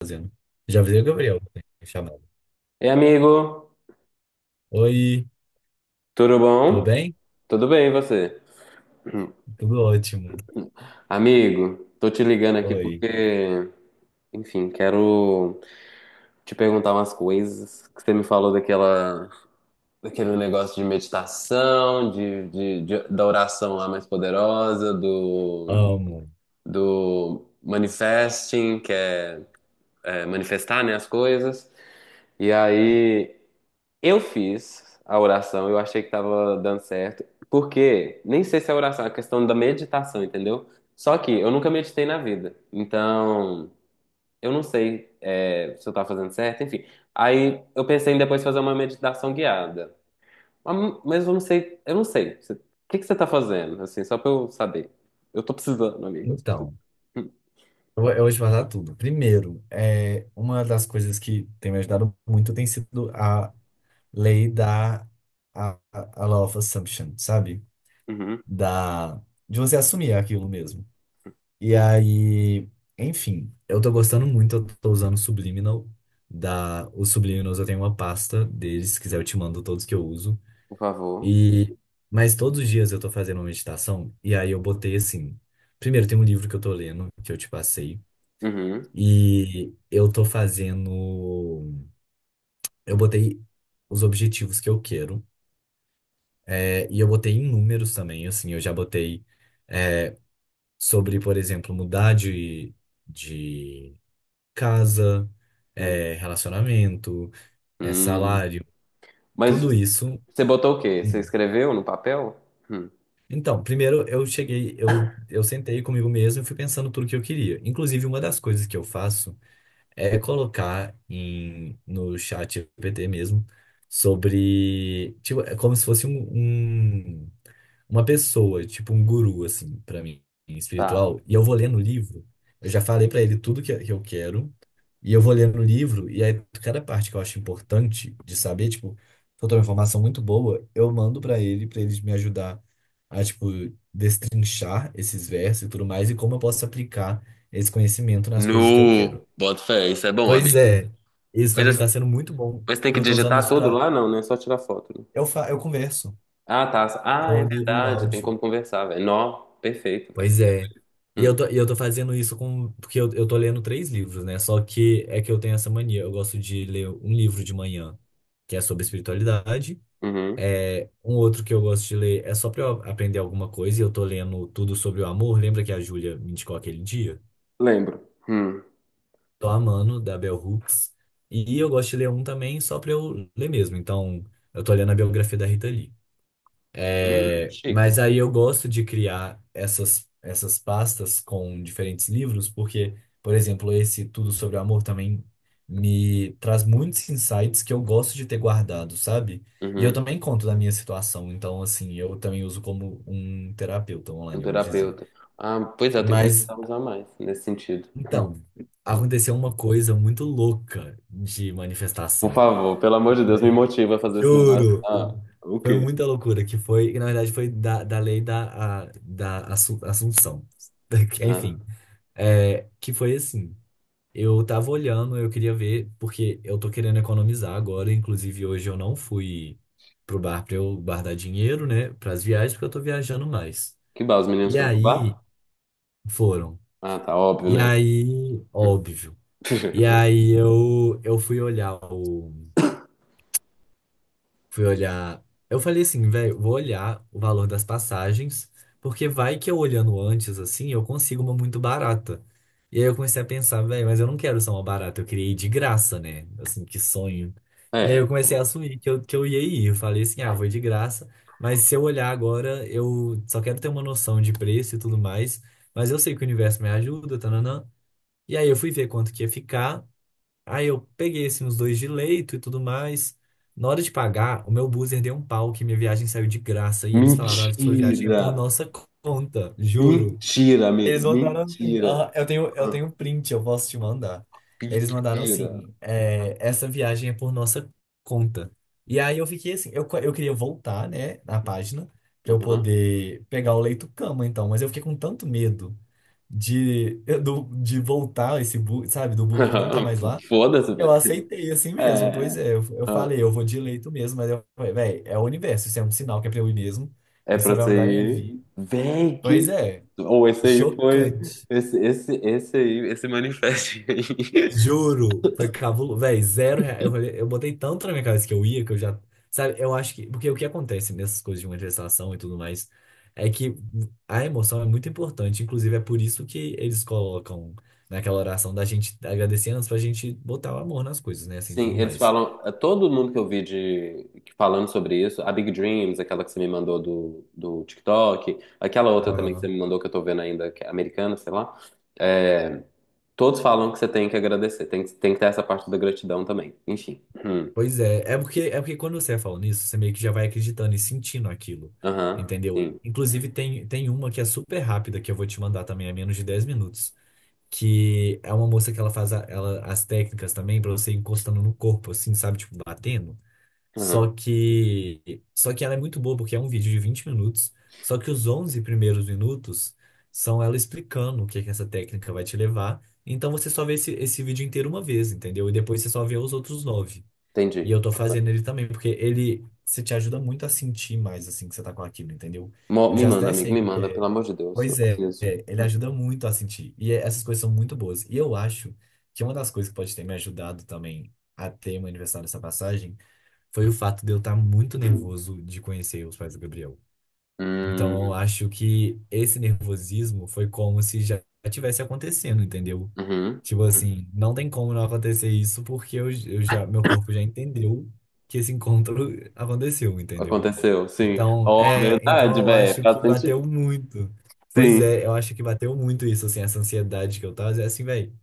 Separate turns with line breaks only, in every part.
Fazendo. Já avisei o Gabriel, né, chamado.
Ei, amigo,
Oi,
tudo
tudo
bom?
bem?
Tudo bem, e você? Hum.
Tudo ótimo.
Amigo, tô te ligando aqui
Oi,
porque, enfim, quero te perguntar umas coisas que você me falou daquela, daquele negócio de meditação, da oração lá mais poderosa, do,
amo.
do manifesting, é manifestar, né, as coisas. E aí, eu fiz a oração, eu achei que tava dando certo, porque nem sei se é oração, é questão da meditação, entendeu? Só que eu nunca meditei na vida, então eu não sei é, se eu tava fazendo certo, enfim. Aí eu pensei em depois fazer uma meditação guiada, mas eu não sei, eu não sei. Você- O que que você tá fazendo, assim, só pra eu saber? Eu tô precisando, amigo, eu tô precisando.
Então,
Hum.
eu vou te falar tudo. Primeiro, é, uma das coisas que tem me ajudado muito tem sido a lei a law of assumption, sabe?
Uhum,
Da, de você assumir aquilo mesmo. E aí, enfim, eu tô gostando muito, eu tô usando o Subliminal. Os Subliminals eu tenho uma pasta deles, se quiser eu te mando todos que eu uso.
por favor.
E, mas todos os dias eu tô fazendo uma meditação, e aí eu botei assim. Primeiro, tem um livro que eu tô lendo, que eu te passei,
Uhum,
e eu tô fazendo. Eu botei os objetivos que eu quero, é, e eu botei em números também, assim, eu já botei é, sobre, por exemplo, mudar de casa, é, relacionamento, é,
uhum.
salário,
Mas
tudo isso.
você botou o quê? Você
hum,
escreveu no papel? Hum.
Então, primeiro eu cheguei, eu sentei comigo mesmo e fui pensando tudo que eu queria. Inclusive, uma das coisas que eu faço é colocar no chat GPT mesmo sobre, tipo, é como se fosse uma pessoa, tipo um guru, assim, pra mim,
Tá.
espiritual, e eu vou ler no livro, eu já falei pra ele tudo que eu quero, e eu vou ler no livro, e aí cada parte que eu acho importante de saber, tipo, se eu tô uma informação muito boa, eu mando pra ele me ajudar a, tipo, destrinchar esses versos e tudo mais, e como eu posso aplicar esse conhecimento nas coisas que eu quero.
No, bota fé, isso é bom,
Pois
amigo.
é, isso pra
Mas,
mim
assim,
tá sendo muito bom,
mas tem
porque
que
eu tô usando
digitar
isso
tudo
pra.
lá? Não, não é só tirar foto, né?
Eu converso,
Ah, tá. Ah,
eu
é
ligo o
verdade. Tem
áudio.
como conversar, velho. Nó, perfeito,
Pois é. E eu
velho.
tô, e eu tô fazendo isso com. Porque eu tô lendo três livros, né? Só que é que eu tenho essa mania. Eu gosto de ler um livro de manhã, que é sobre espiritualidade.
Uhum.
É, um outro que eu gosto de ler é só pra eu aprender alguma coisa, e eu tô lendo tudo sobre o amor. Lembra que a Júlia me indicou aquele dia?
Lembro. Hum.
Tô amando, da Bell Hooks. E eu gosto de ler um também só pra eu ler mesmo. Então, eu tô lendo a biografia da Rita Lee. É,
Chique.
mas aí eu gosto de criar essas pastas com diferentes livros, porque, por exemplo, esse Tudo sobre o Amor também me traz muitos insights que eu gosto de ter guardado, sabe? E eu
Uhum.
também conto da minha situação, então, assim, eu também uso como um terapeuta
Um
online, vamos dizer.
terapeuta. Ah, pois é, tem que
Mas,
começar a usar mais nesse sentido. Hum.
então, aconteceu uma coisa muito louca de
Por
manifestação.
favor, pelo amor de Deus, me
Foi-
motiva a fazer esse negócio.
Juro!
Ah, o
Foi
quê?
muita loucura, que foi, que na verdade foi da lei da Assunção.
Ah,
Enfim, é, que foi assim, eu tava olhando, eu queria ver, porque eu tô querendo economizar agora, inclusive hoje eu não fui pro bar pra eu guardar dinheiro, né, pras viagens, porque eu tô viajando mais.
que bar? Os meninos
E
foram pro
aí,
bar?
foram.
Ah, tá óbvio,
E
né?
aí, óbvio. E aí eu fui olhar. Eu falei assim, velho, vou olhar o valor das passagens, porque vai que eu olhando antes, assim, eu consigo uma muito barata. E aí eu comecei a pensar, velho, mas eu não quero só uma barata, eu queria ir de graça, né? Assim, que sonho. E aí eu
É.
comecei a assumir que eu ia ir. Eu falei assim, ah, vou ir de graça, mas se eu olhar agora, eu só quero ter uma noção de preço e tudo mais, mas eu sei que o universo me ajuda, tananã. E aí eu fui ver quanto que ia ficar. Aí eu peguei assim os dois de leito e tudo mais. Na hora de pagar, o meu buzzer deu um pau que minha viagem saiu de graça e eles falaram, "Ah, a sua viagem é
Mentira!
por nossa conta", juro.
Mentira, amigo.
Eles mandaram assim,
Mentira.
ah, eu tenho eu
Ah,
tenho um print, eu posso te mandar. Eles mandaram
mentira.
assim,
Ah,
é, essa viagem é por nossa conta. E aí eu fiquei assim, eu queria voltar, né, na página pra eu
aham.
poder pegar o leito cama então, mas eu fiquei com tanto medo de de voltar esse bug, sabe, do bug não tá mais lá.
Foda-se,
Eu
velho.
aceitei assim mesmo, pois
É.
é. Eu
Ah,
falei, eu vou de leito mesmo, mas eu falei, velho, é o universo, isso é um sinal que é pra eu ir mesmo.
é pra
Isso vai
você
mudar minha
ir.
vida.
Véi,
Pois
que.
é,
Ou esse aí foi.
chocante.
Esse aí, esse manifesto aí.
Juro, foi cabuloso. Velho, zero real. Eu falei, eu botei tanto na minha cabeça que eu ia, que eu já. Sabe, eu acho que. Porque o que acontece nessas coisas de manifestação e tudo mais é que a emoção é muito importante. Inclusive, é por isso que eles colocam naquela oração da gente agradecer antes pra gente botar o amor nas coisas, né? Assim,
Sim,
tudo
eles
mais.
falam. É, todo mundo que eu vi de, que- falando sobre isso, a Big Dreams, aquela que você me mandou do, do TikTok, aquela outra também que você me mandou que eu tô vendo ainda, que é americana, sei lá. É, todos falam que você tem que agradecer, tem que ter essa parte da gratidão também. Enfim. Hum.
Pois é, é porque quando você vai falando isso, você meio que já vai acreditando e sentindo aquilo,
Aham,
entendeu?
sim.
Inclusive, tem uma que é super rápida, que eu vou te mandar também, é menos de 10 minutos, que é uma moça que ela faz as técnicas também pra você ir encostando no corpo, assim, sabe? Tipo, batendo. Só
Aham,
que, só que ela é muito boa, porque é um vídeo de 20 minutos, só que os 11 primeiros minutos são ela explicando o que é que essa técnica vai te levar, então você só vê esse vídeo inteiro uma vez, entendeu? E depois você só vê os outros nove e
entendi.
eu tô fazendo ele também, porque ele se te ajuda muito a sentir mais assim que você tá com aquilo, entendeu?
Mo-
Eu
Me
já
manda,
até
amigo,
sei o
me
que
manda, pelo
é.
amor de Deus, eu
Pois é,
preciso.
é, ele ajuda muito a sentir. Essas coisas são muito boas. E eu acho que uma das coisas que pode ter me ajudado também a ter um aniversário dessa passagem foi o fato de eu estar muito nervoso de conhecer os pais do Gabriel. Então
Hum,
eu acho que esse nervosismo foi como se já tivesse acontecendo, entendeu?
uhum.
Tipo assim, não tem como não acontecer isso porque eu já, meu corpo já entendeu que esse encontro aconteceu, entendeu?
Aconteceu, sim.
Então,
Oh,
é, então
verdade,
eu
velho,
acho que
faz
bateu
sentido.
muito. Pois
Sim,
é, eu acho que bateu muito isso, assim, essa ansiedade que eu tava, é assim, velho.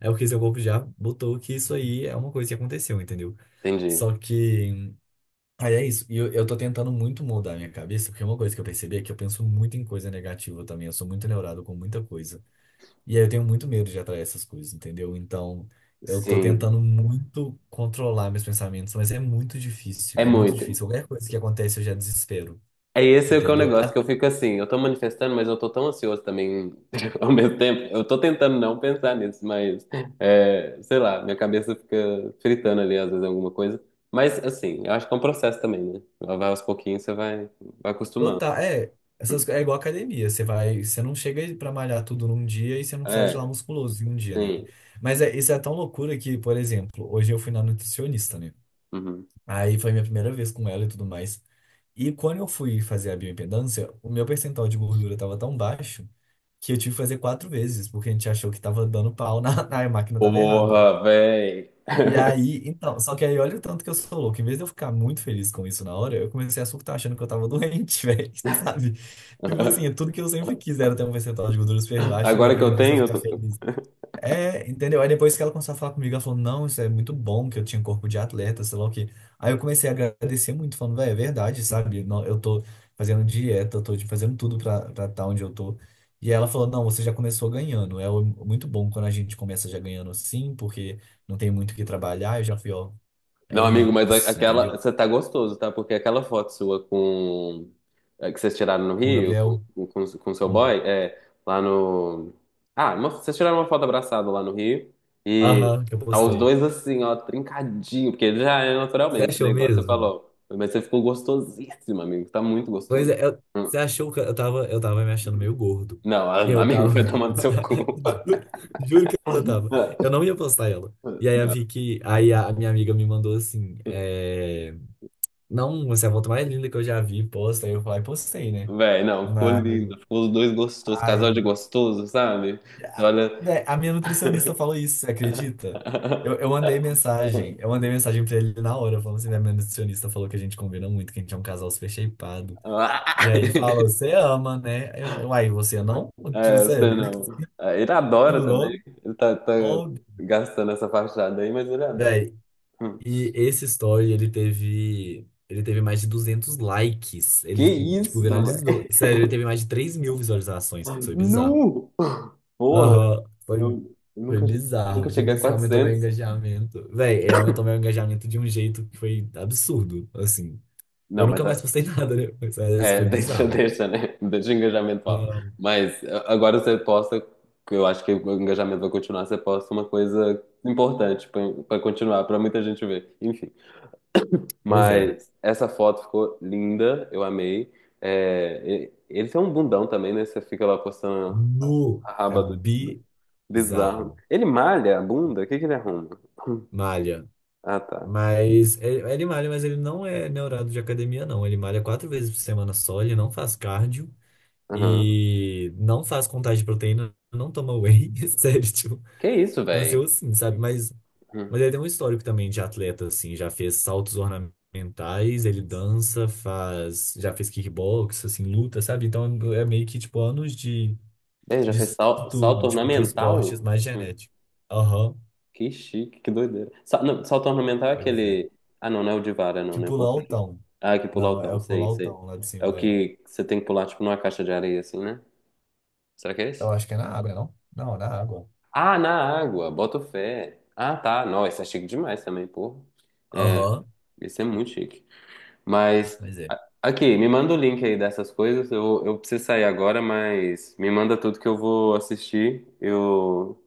É porque seu corpo já botou que isso aí é uma coisa que aconteceu, entendeu?
entendi.
Só que Aí é isso. E eu tô tentando muito mudar a minha cabeça, porque é uma coisa que eu percebi é que eu penso muito em coisa negativa também. Eu sou muito neurado com muita coisa. E aí eu tenho muito medo de atrair essas coisas, entendeu? Então, eu tô
Sim,
tentando muito controlar meus pensamentos, mas é muito difícil,
é
muito
muito.
difícil. Qualquer coisa que acontece, eu já desespero,
É esse é o que é o
entendeu? A
negócio, que eu fico assim, eu tô manifestando, mas eu tô tão ansioso também ao mesmo tempo. Eu tô tentando não pensar nisso, mas é, sei lá, minha cabeça fica fritando ali às vezes alguma coisa. Mas assim, eu acho que é um processo também, né? Vai aos pouquinhos, você vai, vai acostumando.
Total, é, é igual academia. Você vai, você não chega pra malhar tudo num dia e você não sai de lá
É,
musculoso em um dia, né?
sim.
Mas é, isso é tão loucura que, por exemplo, hoje eu fui na nutricionista, né?
Uhum.
Aí foi minha primeira vez com ela e tudo mais. E quando eu fui fazer a bioimpedância, o meu percentual de gordura estava tão baixo que eu tive que fazer 4 vezes, porque a gente achou que estava dando pau na, na máquina estava errada.
Porra, véi.
E aí, então, só que aí olha o tanto que eu sou louco. Em vez de eu ficar muito feliz com isso na hora, eu comecei a surtar achando que eu tava doente, velho, sabe? Tipo assim, é tudo que eu sempre quis era ter um percentual de gordura super baixo,
Agora que
e em
eu
vez de eu
tenho,
ficar feliz é, entendeu? Aí depois que ela começou a falar comigo, ela falou, não, isso é muito bom, que eu tinha corpo de atleta, sei lá o quê. Aí eu comecei a agradecer muito, falando, velho, é verdade, sabe? Não, eu tô fazendo dieta, eu tô fazendo tudo pra estar onde eu tô. E ela falou, não, você já começou ganhando. Muito bom quando a gente começa já ganhando assim, porque não tem muito o que trabalhar. Eu já fui, ó, é
não, amigo, mas a-
isso,
aquela.
entendeu?
Você tá gostoso, tá? Porque aquela foto sua com. É, que vocês tiraram no
Com o
Rio,
Gabriel,
com seu
hum,
boy, é. Lá no. Ah, uma- vocês tiraram uma foto abraçada lá no Rio. E
aham, que eu
tá os
postei.
dois assim, ó, trincadinho, porque ele já é
Você
naturalmente, né?
achou
Igual você
mesmo?
falou. Mas você ficou gostosíssimo, amigo. Tá muito gostoso.
Pois é,
Hum.
você achou que eu tava me achando meio gordo.
Não,
E
a-
eu
amigo,
tava.
vai tomar no seu cu.
Juro, juro que eu tava. Eu
Não,
não ia postar ela. E aí a
não.
Vicky, aí a minha amiga me mandou assim: é, não, você é a foto mais linda que eu já vi, posta. Aí eu falei, postei, né?
Véi, não, ficou
Mas.
lindo. Ficou os dois gostosos, casal de
Ai,
gostoso, sabe? Você
a
olha.
né, a minha nutricionista falou isso, você acredita? Eu mandei mensagem pra ele na hora, falando assim: né, minha nutricionista falou que a gente combina muito, que a gente é um casal super shapeado. E aí ele falou, você ama, né? Aí você não? Tipo,
É, você
sério,
não. É, ele adora também.
jurou?
Ele tá, tá
Oh,
gastando essa fachada aí, mas ele adora.
véi.
Hum.
E esse story, ele teve mais de 200 likes.
Que
Ele, tipo,
isso, velho?
viralizou. Sério, ele teve mais de 3 mil visualizações. Foi bizarro.
Nu! Porra,
Aham,
eu
foi
nunca,
bizarro.
nunca
Tipo
cheguei a
assim, aumentou meu
400.
engajamento. Véi, ele aumentou meu engajamento de um jeito que foi absurdo, assim. Eu
Não,
nunca
mas é,
mais postei nada, né? Mas esse
é,
foi
deixa,
bizarro.
deixa, né? Deixa o engajamento alto.
Ah,
Mas é, agora você posta, que eu acho que o engajamento vai continuar, você posta uma coisa importante pra pra continuar, pra muita gente ver. Enfim.
pois é.
Mas essa foto ficou linda, eu amei. É, e- ele tem um bundão também, né? Você fica lá postando
Nu,
a
é
raba do, do
bizarro.
bizarro. Ele malha a bunda? O que que ele arruma?
Malha.
Ah, tá.
Mas ele malha, mas ele não é neurado de academia, não. Ele malha 4 vezes por semana só, ele não faz cardio
Aham.
e não faz contagem de proteína, não toma whey. Sério, tipo,
Que isso,
nasceu
velho?
assim, sabe? Mas ele tem um histórico também de atleta, assim, já fez saltos ornamentais, ele dança, faz, já fez kickbox, assim, luta, sabe? Então é meio que, tipo, anos de,
Ele já fez
disso
sal-
tudo,
salto
tipo, de esportes
ornamental?
mais
Hum,
genético. Aham,
Que chique, que doideira. Sa- não, salto ornamental é
pois é.
aquele. Ah, não, não é o de vara, não,
Que
né?
pular o
Confundi.
tão.
Ah, é que pular o
Não, é
cão,
o pulo
sei, sei.
altão lá de
É o
cima. É.
que você tem que pular, tipo, numa caixa de areia, assim, né? Será que é
Eu
esse?
acho que é na água, não? Não, é na água.
Ah, na água, boto fé. Ah, tá. Não, esse é chique demais também, porra. É,
Aham,
esse é muito chique. Mas,
mas é.
a- aqui, me manda o link aí dessas coisas. Eu preciso sair agora, mas me manda tudo que eu vou assistir. Eu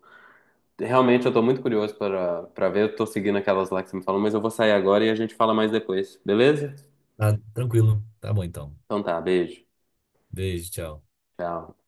realmente eu tô muito curioso para para ver. Eu tô seguindo aquelas lá que você me falou, mas eu vou sair agora e a gente fala mais depois, beleza?
Tá tranquilo. Tá bom então.
Então tá, beijo.
Beijo, tchau.
Tchau.